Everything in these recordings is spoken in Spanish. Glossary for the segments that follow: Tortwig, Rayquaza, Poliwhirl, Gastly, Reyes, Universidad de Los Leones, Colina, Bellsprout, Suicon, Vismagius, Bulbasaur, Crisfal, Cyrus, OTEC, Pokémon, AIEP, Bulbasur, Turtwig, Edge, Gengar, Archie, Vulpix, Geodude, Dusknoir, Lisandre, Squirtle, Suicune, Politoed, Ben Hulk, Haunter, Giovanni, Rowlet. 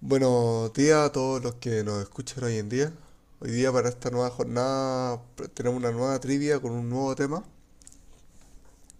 Buenos días a todos los que nos escuchan hoy en día. Hoy día para esta nueva jornada tenemos una nueva trivia con un nuevo tema,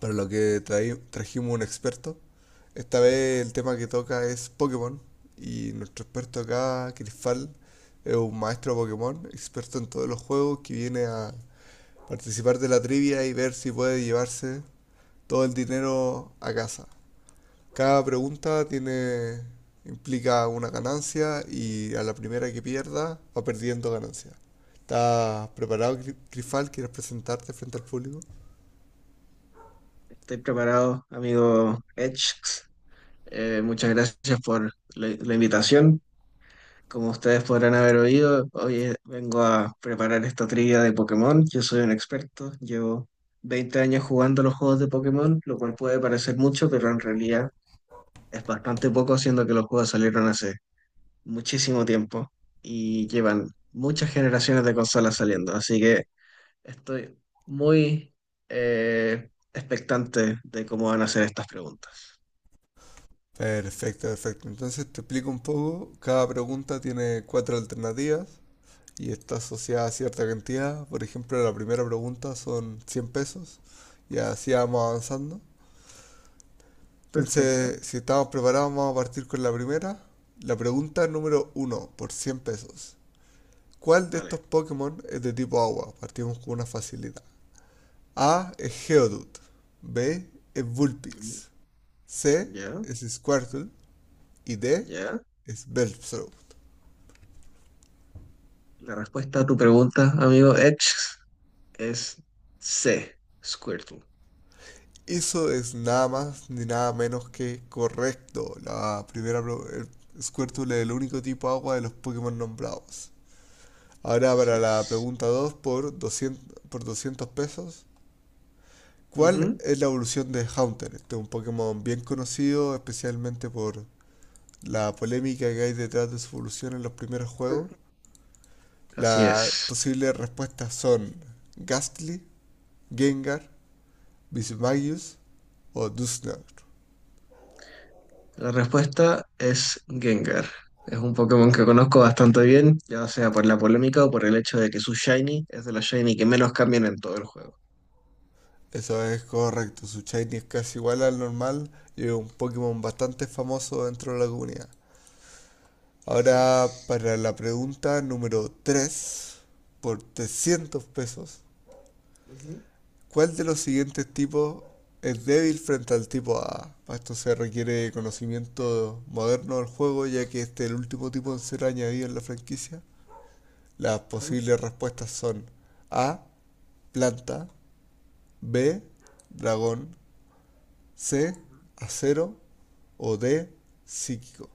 para lo que trajimos un experto. Esta vez el tema que toca es Pokémon y nuestro experto acá, Crisfal, es un maestro Pokémon, experto en todos los juegos, que viene a participar de la trivia y ver si puede llevarse todo el dinero a casa. Cada pregunta tiene, implica una ganancia y a la primera que pierda va perdiendo ganancia. ¿Estás preparado, Grifal? ¿Quieres presentarte frente al público? Estoy preparado, amigo Edge. Muchas gracias por la invitación. Como ustedes podrán haber oído, hoy vengo a preparar esta trivia de Pokémon. Yo soy un experto, llevo 20 años jugando los juegos de Pokémon, lo cual puede parecer mucho, pero en realidad es bastante poco, siendo que los juegos salieron hace muchísimo tiempo y llevan muchas generaciones de consolas saliendo. Así que estoy muy expectante de cómo van a ser estas preguntas. Perfecto, perfecto. Entonces te explico un poco. Cada pregunta tiene cuatro alternativas y está asociada a cierta cantidad. Por ejemplo, la primera pregunta son 100 pesos y así vamos avanzando. Perfecto. Entonces, si estamos preparados, vamos a partir con la primera. La pregunta número uno, por 100 pesos. ¿Cuál de estos Vale. Pokémon es de tipo agua? Partimos con una facilidad. A es Geodude. B es Mm. Vulpix. C Ya, es Squirtle. Y D ya. es Bellsprout. La respuesta a tu pregunta, amigo Edge, es C, Squirtle. Eso es nada más ni nada menos que correcto. La primera, el Squirtle es el único tipo agua de los Pokémon nombrados. Ahora Así para la es. pregunta 2 por 200 pesos. ¿Cuál Ujú. es la evolución de Haunter? Este es un Pokémon bien conocido, especialmente por la polémica que hay detrás de su evolución en los primeros juegos. Así Las es. posibles respuestas son Gastly, Gengar, Vismagius o Dusknoir. La respuesta es Gengar. Es un Pokémon que conozco bastante bien, ya sea por la polémica o por el hecho de que su Shiny es de la Shiny que menos cambian en todo el juego. Eso es correcto, su Shiny es casi igual al normal y es un Pokémon bastante famoso dentro de la comunidad. Así Ahora es. para la pregunta número 3 por 300 pesos, Ujú, ¿cuál de los siguientes tipos es débil frente al tipo A? Para esto se requiere conocimiento moderno del juego, ya que este es el último tipo en ser añadido en la franquicia. Las ujú, posibles respuestas son A, planta, B, dragón, C, ujú. acero o D, psíquico.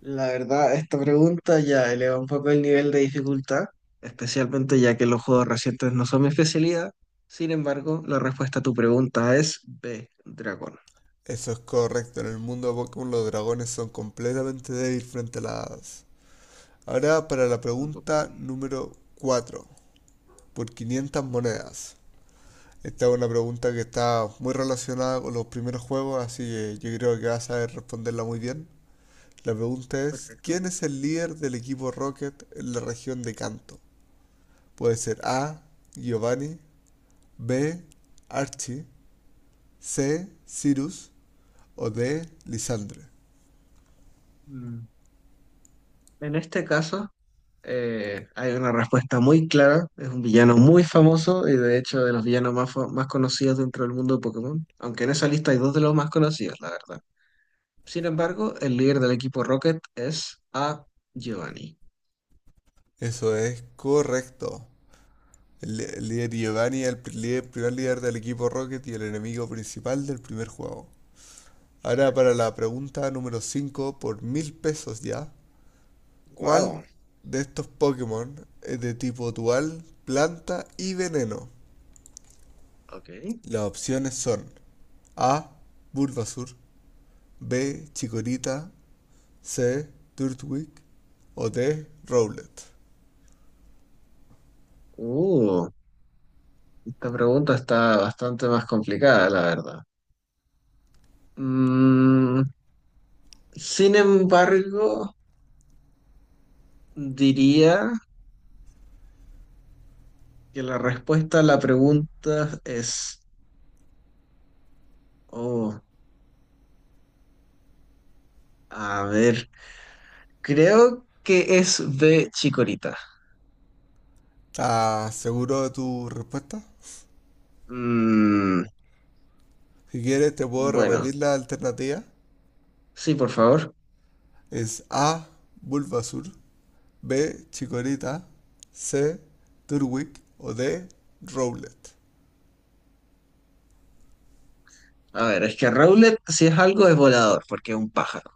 La verdad, esta pregunta ya eleva un poco el nivel de dificultad, especialmente ya que los juegos recientes no son mi especialidad. Sin embargo, la respuesta a tu pregunta es B, dragón, Eso es correcto, en el mundo de Pokémon los dragones son completamente débiles frente a las hadas. Ahora para la no pregunta Pokémon. número 4 por 500 monedas. Esta es una pregunta que está muy relacionada con los primeros juegos, así que yo creo que vas a saber responderla muy bien. La pregunta es, Perfecto. ¿quién es el líder del equipo Rocket en la región de Canto? Puede ser A, Giovanni, B, Archie, C, Cyrus o D, Lisandre. Mm. En este caso, hay una respuesta muy clara. Es un villano muy famoso y de hecho de los villanos más, más conocidos dentro del mundo de Pokémon, aunque en esa lista hay dos de los más conocidos, la verdad. Sin embargo, el líder del equipo Rocket es A, Giovanni. Eso es correcto. El líder Giovanni es el primer líder del equipo Rocket y el enemigo principal del primer juego. Ahora para Correcto. la pregunta número 5 por 1000 pesos ya. ¿Cuál Wow. de estos Pokémon es de tipo dual, planta y veneno? Ok. Las opciones son A, Bulbasur, B, Chikorita, C, Turtwig o D, Rowlet. Uh, esta pregunta está bastante más complicada, la verdad. Mm, sin embargo, diría que la respuesta a la pregunta es, oh, a ver, creo que es de Chikorita. ¿Estás seguro de tu respuesta? Mm, Si quieres te puedo bueno, repetir la alternativa. sí, por favor. Es A, Bulbasur, B, Chikorita, C, Turtwig o D, Rowlet. A ver, es que Rowlet, si es algo, es volador, porque es un pájaro.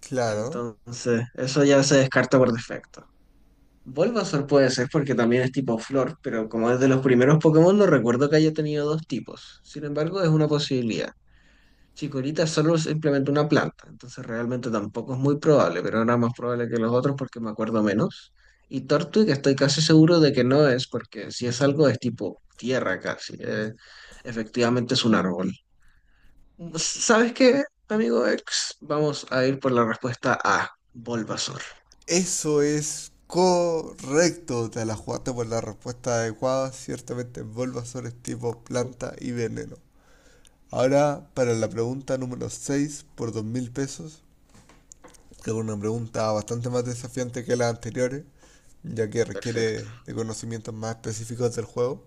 Claro. Entonces, eso ya se descarta por defecto. Bulbasaur puede ser porque también es tipo flor, pero como es de los primeros Pokémon no recuerdo que haya tenido dos tipos. Sin embargo, es una posibilidad. Chikorita solo es simplemente una planta, entonces realmente tampoco es muy probable, pero era más probable que los otros porque me acuerdo menos. Y Tortwig estoy casi seguro de que no es, porque si es algo es tipo tierra casi. Efectivamente es un árbol. ¿Sabes qué, amigo X? Vamos a ir por la respuesta A, Bulbasaur. Eso es correcto. Te la jugaste por la respuesta adecuada. Ciertamente Bulbasaur es tipo planta y veneno. Ahora para la pregunta número 6 por 2000 pesos, que es una pregunta bastante más desafiante que las anteriores, ya que Perfecto. requiere de conocimientos más específicos del juego.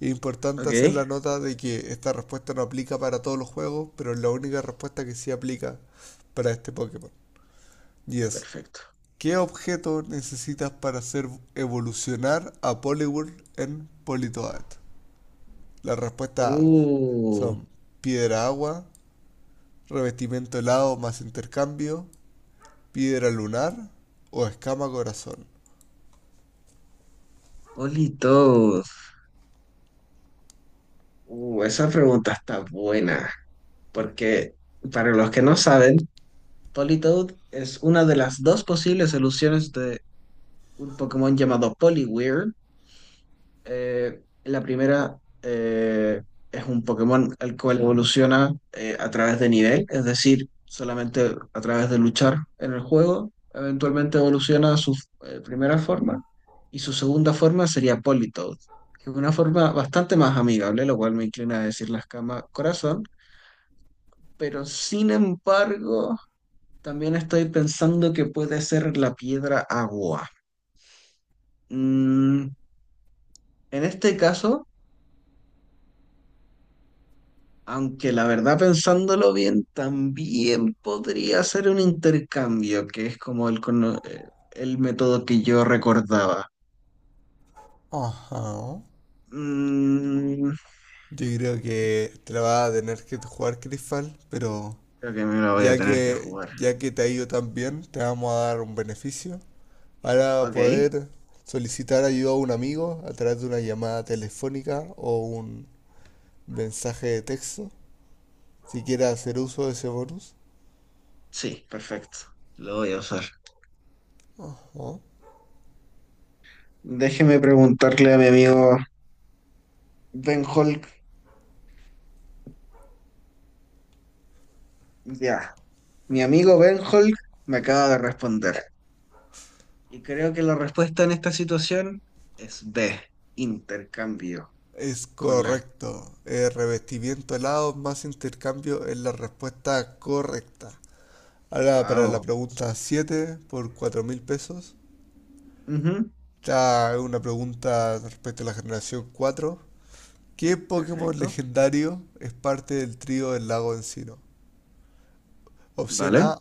Es importante hacer Ok, la nota de que esta respuesta no aplica para todos los juegos, pero es la única respuesta que sí aplica para este Pokémon. Y es, perfecto. ¿qué objeto necesitas para hacer evolucionar a Poliwhirl en Politoad? Las respuestas A Uh, son piedra agua, revestimiento helado más intercambio, piedra lunar o escama corazón. Politos. Esa pregunta está buena, porque para los que no saben, Politoed es una de las dos posibles soluciones de un Pokémon llamado Poliwhirl. La primera eh, es un Pokémon el cual evoluciona a través de nivel, es decir, solamente a través de luchar en el juego. Eventualmente evoluciona a su primera forma y su segunda forma sería Politoed, que es una forma bastante más amigable, lo cual me inclina a decir la escama corazón, pero sin embargo, también estoy pensando que puede ser la piedra agua. Mm, en este caso, aunque la verdad, pensándolo bien, también podría ser un intercambio, que es como el método que yo recordaba. Ajá. Mm, Yo creo que te la vas a tener que jugar Crystal, pero creo que me lo voy a ya tener que que, jugar. ya que te ha ido tan bien, te vamos a dar un beneficio. Para Ok, poder solicitar ayuda a un amigo a través de una llamada telefónica o un mensaje de texto si quiere hacer uso de ese bonus. sí, perfecto. Lo voy a usar. Ajá. Déjeme preguntarle a mi amigo Ben Hulk. Ya, mi amigo Ben Hulk me acaba de responder. Y creo que la respuesta en esta situación es B, intercambio Es con las... correcto. El revestimiento helado más intercambio es la respuesta correcta. Ahora para la Wow. pregunta 7 por 4000 pesos. Ya una pregunta respecto a la generación 4. ¿Qué Pokémon Perfecto. legendario es parte del trío del lago Encino? Opción Vale. A,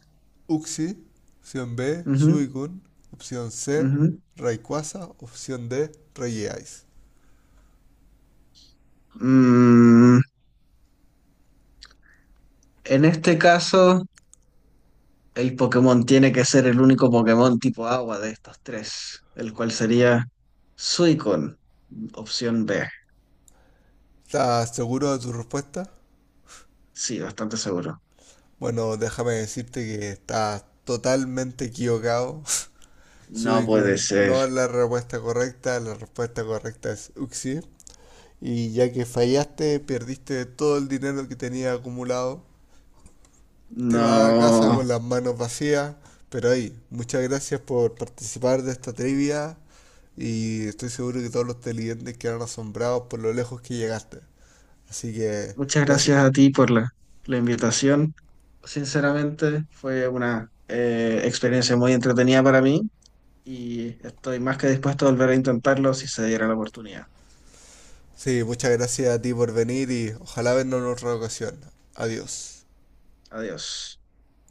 Uxie. Opción B, Ujú, Suicune. Opción C, ujú. Rayquaza. Opción D, Reyes. Mm, en este caso, el Pokémon tiene que ser el único Pokémon tipo agua de estos tres, el cual sería Suicon, opción B. ¿Estás seguro de tu respuesta? Sí, bastante seguro. Bueno, déjame decirte que estás totalmente equivocado. No puede Suicune ser. no es la respuesta correcta es Uxie. Y ya que fallaste, perdiste todo el dinero que tenías acumulado. Te vas a casa No. con las manos vacías. Pero ahí, muchas gracias por participar de esta trivia. Y estoy seguro que todos los televidentes quedaron asombrados por lo lejos que llegaste. Así que, Muchas gracias. gracias a ti por la invitación. Sinceramente, fue una experiencia muy entretenida para mí y estoy más que dispuesto a volver a intentarlo si se diera la oportunidad. Sí, muchas gracias a ti por venir y ojalá vernos en otra ocasión. Adiós. Adiós.